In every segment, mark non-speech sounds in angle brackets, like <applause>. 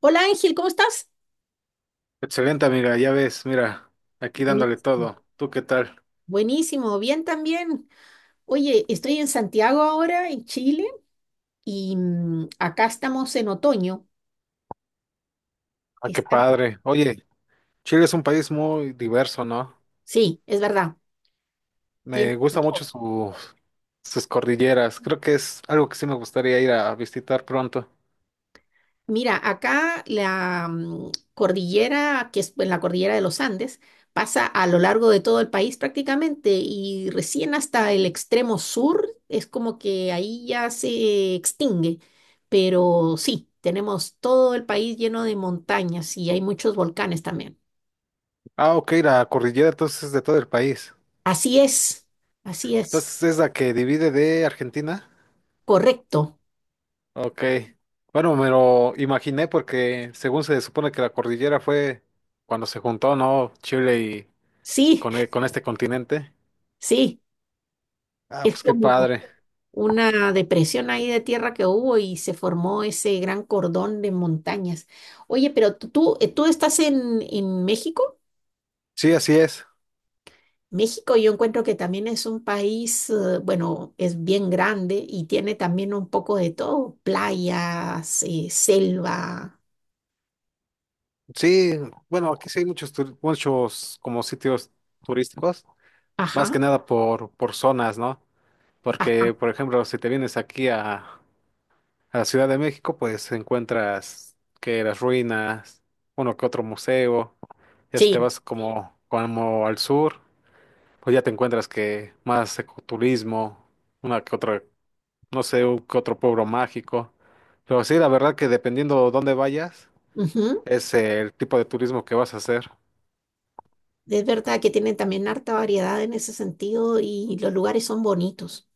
Hola Ángel, ¿cómo estás? Excelente, amiga, ya ves, mira, aquí dándole Buenísimo. todo. ¿Tú qué tal? Buenísimo, bien también. Oye, estoy en Santiago ahora, en Chile, y acá estamos en otoño. Ah, qué Está, padre. Oye, Chile es un país muy diverso, ¿no? sí, es verdad. Tiene, Me gusta mucho sus cordilleras. Creo que es algo que sí me gustaría ir a visitar pronto. mira, acá la cordillera, que es en la cordillera de los Andes, pasa a lo largo de todo el país prácticamente y recién hasta el extremo sur es como que ahí ya se extingue. Pero sí, tenemos todo el país lleno de montañas y hay muchos volcanes también. Ah, ok, la cordillera entonces es de todo el país. Así es, así es, Entonces es la que divide de Argentina. correcto. Ok. Bueno, me lo imaginé porque según se supone que la cordillera fue cuando se juntó, ¿no? Chile y Sí, con este continente. <laughs> sí, Ah, es pues qué como padre. una depresión ahí de tierra que hubo y se formó ese gran cordón de montañas. Oye, pero tú estás en México. Sí, así es. México yo encuentro que también es un país, bueno, es bien grande y tiene también un poco de todo, playas, selva. Sí, bueno, aquí sí hay muchos como sitios turísticos, más Ajá, que nada por zonas, ¿no? ajá. Porque, por ejemplo, si te vienes a Ciudad de México, pues encuentras que las ruinas, uno que otro museo, ya si te Sí. vas como al sur, pues ya te encuentras que más ecoturismo, una que otra, no sé, un que otro pueblo mágico. Pero sí, la verdad que dependiendo dónde vayas, Ujú. es el tipo de turismo que vas a hacer. Es verdad que tienen también harta variedad en ese sentido y los lugares son bonitos.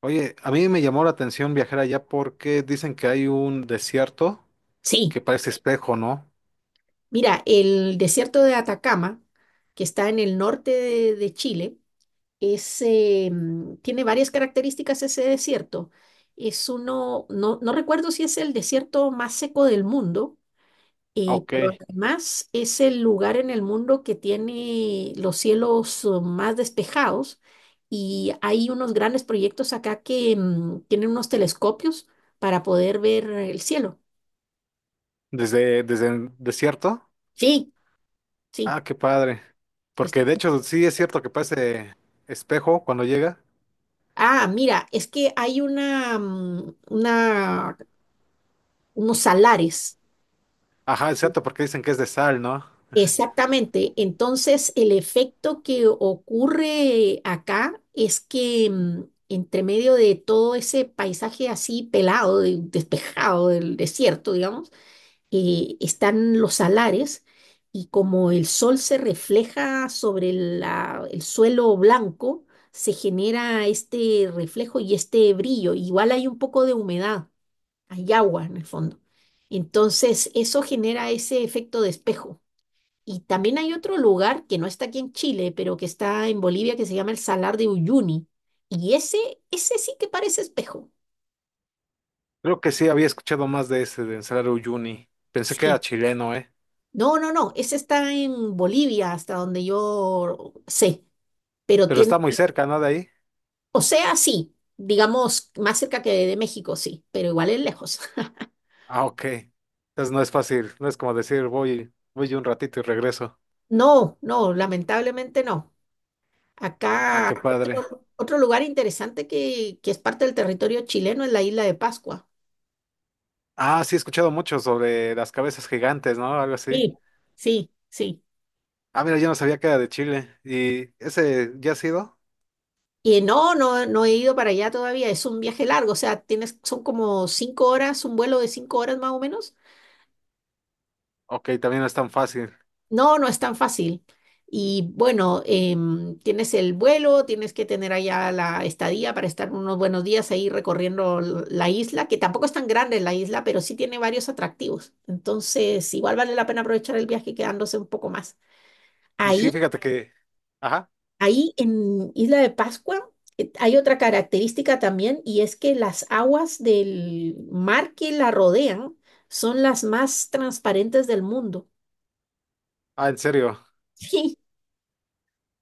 Oye, a mí me llamó la atención viajar allá porque dicen que hay un desierto Sí. que parece espejo, ¿no? Mira, el desierto de Atacama, que está en el norte de Chile, es, tiene varias características ese desierto. Es uno, no, no recuerdo si es el desierto más seco del mundo, pero Ok. además es el lugar en el mundo que tiene los cielos más despejados, y hay unos grandes proyectos acá que tienen unos telescopios para poder ver el cielo. Desde el desierto. Sí, sí. Ah, qué padre. Porque de hecho sí es cierto que parece espejo cuando llega. Ah, mira, es que hay unos salares. Ajá, exacto, porque dicen que es de sal, ¿no? Exactamente. Entonces, el efecto que ocurre acá es que entre medio de todo ese paisaje así pelado, despejado del desierto, digamos, están los salares y como el sol se refleja sobre el suelo blanco, se genera este reflejo y este brillo. Igual hay un poco de humedad, hay agua en el fondo. Entonces, eso genera ese efecto de espejo. Y también hay otro lugar que no está aquí en Chile, pero que está en Bolivia, que se llama el Salar de Uyuni. Y ese sí que parece espejo. Creo que sí había escuchado más de ese, de Salar Uyuni. Pensé que era Sí. chileno, ¿eh? No, no, no, ese está en Bolivia, hasta donde yo sé, pero Pero tiene, está muy cerca, ¿no? De ahí. o sea, sí, digamos, más cerca que de México, sí, pero igual es lejos. <laughs> Ah, ok. Entonces no es fácil, no es como decir voy un ratito y regreso. No, no, lamentablemente no. Ah, Acá, qué padre. Otro lugar interesante que es parte del territorio chileno es la isla de Pascua. Ah, sí, he escuchado mucho sobre las cabezas gigantes, ¿no? Algo así. Sí. Sí, sí. Ah, mira, yo no sabía que era de Chile. ¿Y ese ya ha sido? Y no, no, no he ido para allá todavía. Es un viaje largo, o sea, tienes, son como 5 horas, un vuelo de 5 horas más o menos. Ok, también no es tan fácil. No, no es tan fácil. Y bueno, tienes el vuelo, tienes que tener allá la estadía para estar unos buenos días ahí recorriendo la isla, que tampoco es tan grande la isla, pero sí tiene varios atractivos. Entonces, igual vale la pena aprovechar el viaje quedándose un poco más. Y Ahí, sí, fíjate que... Ajá. ahí en Isla de Pascua, hay otra característica también y es que las aguas del mar que la rodean son las más transparentes del mundo. Ah, en serio. <laughs> Sí,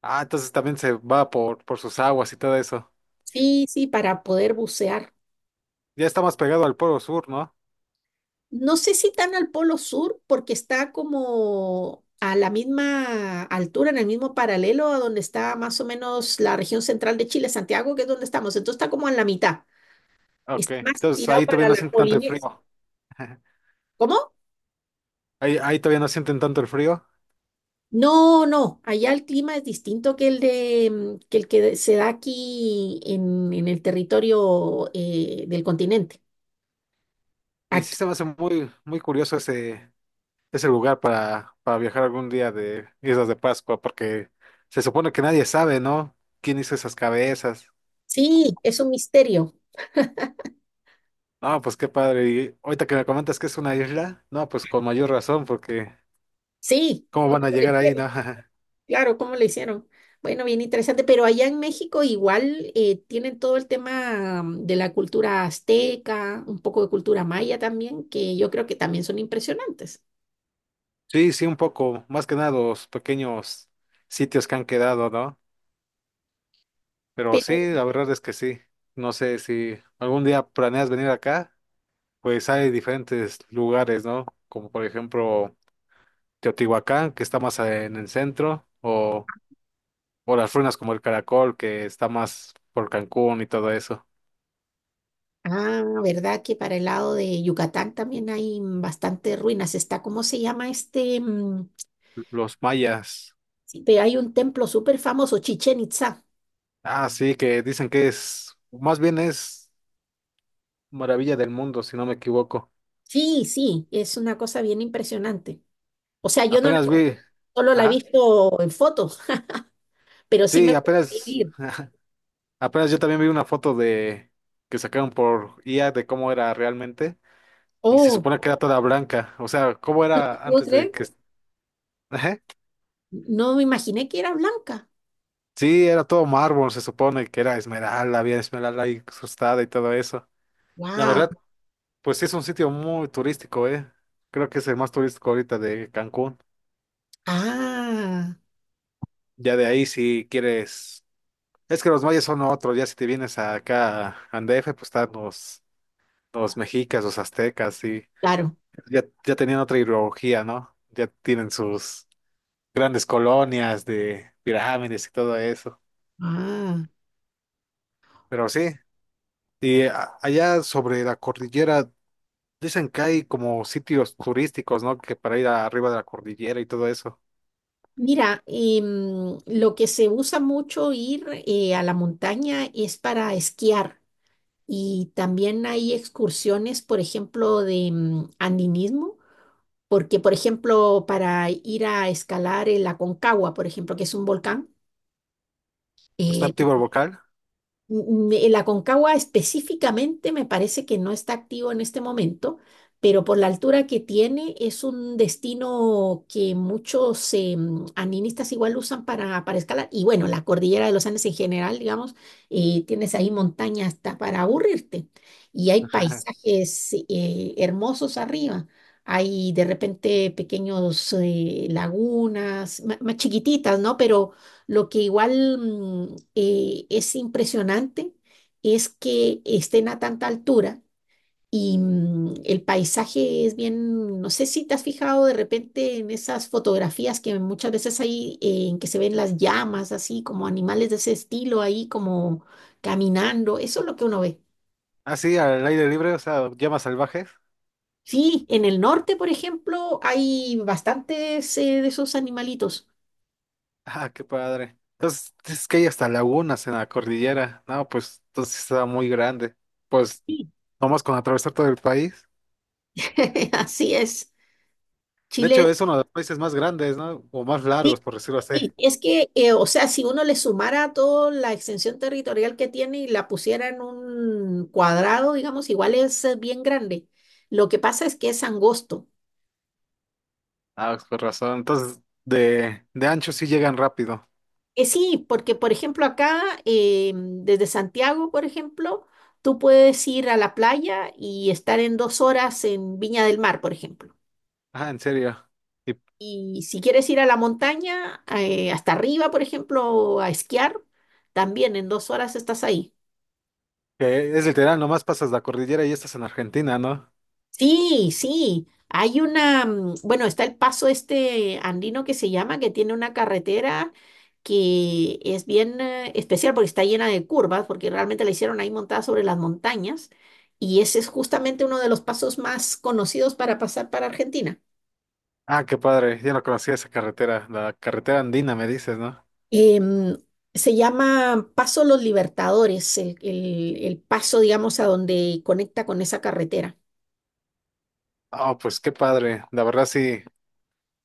Ah, entonces también se va por sus aguas y todo eso. sí, sí, para poder bucear. Ya está más pegado al polo sur, ¿no? No sé si tan al polo sur, porque está como a la misma altura, en el mismo paralelo a donde está más o menos la región central de Chile, Santiago, que es donde estamos. Entonces está como en la mitad. Ok. Está más Entonces tirado ahí todavía para no la sienten tanto el Polinesia. frío. <laughs> ¿Cómo? Ahí todavía no sienten tanto el frío. No, no. Allá el clima es distinto que que el que se da aquí en el territorio del continente. Y sí Aquí, se me hace muy curioso ese, es el lugar para viajar algún día de Islas de Pascua, porque se supone que nadie sabe, ¿no? ¿Quién hizo esas cabezas? sí, es un misterio. No, pues qué padre. Y ahorita que me comentas que es una isla, no, pues con mayor razón, porque Sí, ¿cómo ¿cómo van a le llegar ahí, hicieron? no? <laughs> Claro, ¿cómo le hicieron? Bueno, bien interesante, pero allá en México igual tienen todo el tema de la cultura azteca, un poco de cultura maya también, que yo creo que también son impresionantes. Sí, sí, un poco, más que nada los pequeños sitios que han quedado, ¿no? Pero Pero, sí, la verdad es que sí. No sé si algún día planeas venir acá, pues hay diferentes lugares, ¿no? Como por ejemplo Teotihuacán, que está más en el centro, o las ruinas como el Caracol, que está más por Cancún y todo eso. ah, ¿verdad que para el lado de Yucatán también hay bastantes ruinas? Está, ¿cómo se llama este? Los mayas. Este, hay un templo súper famoso, Chichen Itzá. Ah, sí, que dicen que es, más bien es maravilla del mundo, si no me equivoco. Sí, sí, es una cosa bien impresionante. O sea, yo no la Apenas conozco, vi, solo la he ajá, visto en fotos, pero sí me sí, gustaría apenas, ir. <laughs> apenas yo también vi una foto de que sacaron por IA de cómo era realmente y se Oh, supone que era toda blanca, o sea, cómo era ¿puedo antes de creer? que, <laughs> ajá. No me imaginé que era blanca. Sí, era todo mármol, se supone que era esmeralda, había esmeralda ahí incrustada y todo eso. La Wow. verdad, pues sí, es un sitio muy turístico, ¿eh? Creo que es el más turístico ahorita de Cancún. Ah, Ya de ahí, si quieres. Es que los mayas son otros, ya si te vienes acá a Andef, pues están los mexicas, los aztecas, y claro. Ya tenían otra ideología, ¿no? Ya tienen sus grandes colonias de pirámides y todo eso. Ah. Pero sí, y allá sobre la cordillera, dicen que hay como sitios turísticos, ¿no? Que para ir arriba de la cordillera y todo eso. Mira, lo que se usa mucho ir a la montaña es para esquiar y también hay excursiones, por ejemplo, de andinismo, porque, por ejemplo, para ir a escalar el Aconcagua, por ejemplo, que es un volcán, ¿Está eh. activo el vocal? El Aconcagua específicamente me parece que no está activo en este momento, pero por la altura que tiene es un destino que muchos andinistas igual usan para escalar. Y bueno, la cordillera de los Andes en general, digamos, tienes ahí montañas hasta para aburrirte. Y hay <laughs> paisajes hermosos arriba. Hay de repente pequeños lagunas, más chiquititas, ¿no? Pero lo que igual es impresionante es que estén a tanta altura y el paisaje es bien, no sé si te has fijado de repente en esas fotografías que muchas veces hay en que se ven las llamas, así como animales de ese estilo ahí como caminando, eso es lo que uno ve. Así, al aire libre, o sea, llamas salvajes. <laughs> Sí, en el norte, por ejemplo, hay bastantes de esos animalitos. Ah, qué padre. Entonces, es que hay hasta lagunas en la cordillera. No, pues, entonces está muy grande. Pues, Sí. nomás con atravesar todo el país. <laughs> Así es. De hecho, Chile. es uno de los países más grandes, ¿no? O más Sí, largos, por decirlo así. sí, es que, o sea, si uno le sumara toda la extensión territorial que tiene y la pusiera en un cuadrado, digamos, igual es bien grande. Lo que pasa es que es angosto. Ah, pues, por razón. Entonces, de ancho sí llegan rápido. Sí, porque, por ejemplo, acá, desde Santiago, por ejemplo, tú puedes ir a la playa y estar en 2 horas en Viña del Mar, por ejemplo. Ah, en serio. Y Y si quieres ir a la montaña, hasta arriba, por ejemplo, a esquiar, también en 2 horas estás ahí. que es literal, nomás pasas la cordillera y estás en Argentina, ¿no? Sí, sí. Hay una, bueno, está el paso este andino que se llama, que tiene una carretera que es bien especial porque está llena de curvas, porque realmente la hicieron ahí montada sobre las montañas. Y ese es justamente uno de los pasos más conocidos para pasar para Argentina. Ah, qué padre. Yo no conocía esa carretera, la carretera andina, me dices, ¿no? Em, se llama Paso Los Libertadores, el, el paso, digamos, a donde conecta con esa carretera. Ah, pues qué padre. La verdad sí.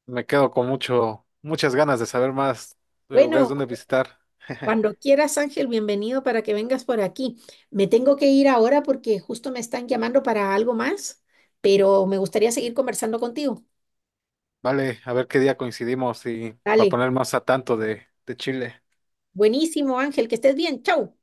Me quedo con mucho, muchas ganas de saber más de lugares Bueno, donde visitar. <laughs> cuando quieras, Ángel, bienvenido para que vengas por aquí. Me tengo que ir ahora porque justo me están llamando para algo más, pero me gustaría seguir conversando contigo. Vale, a ver qué día coincidimos y para Dale, poner más a tanto de Chile. buenísimo, Ángel, que estés bien. Chau.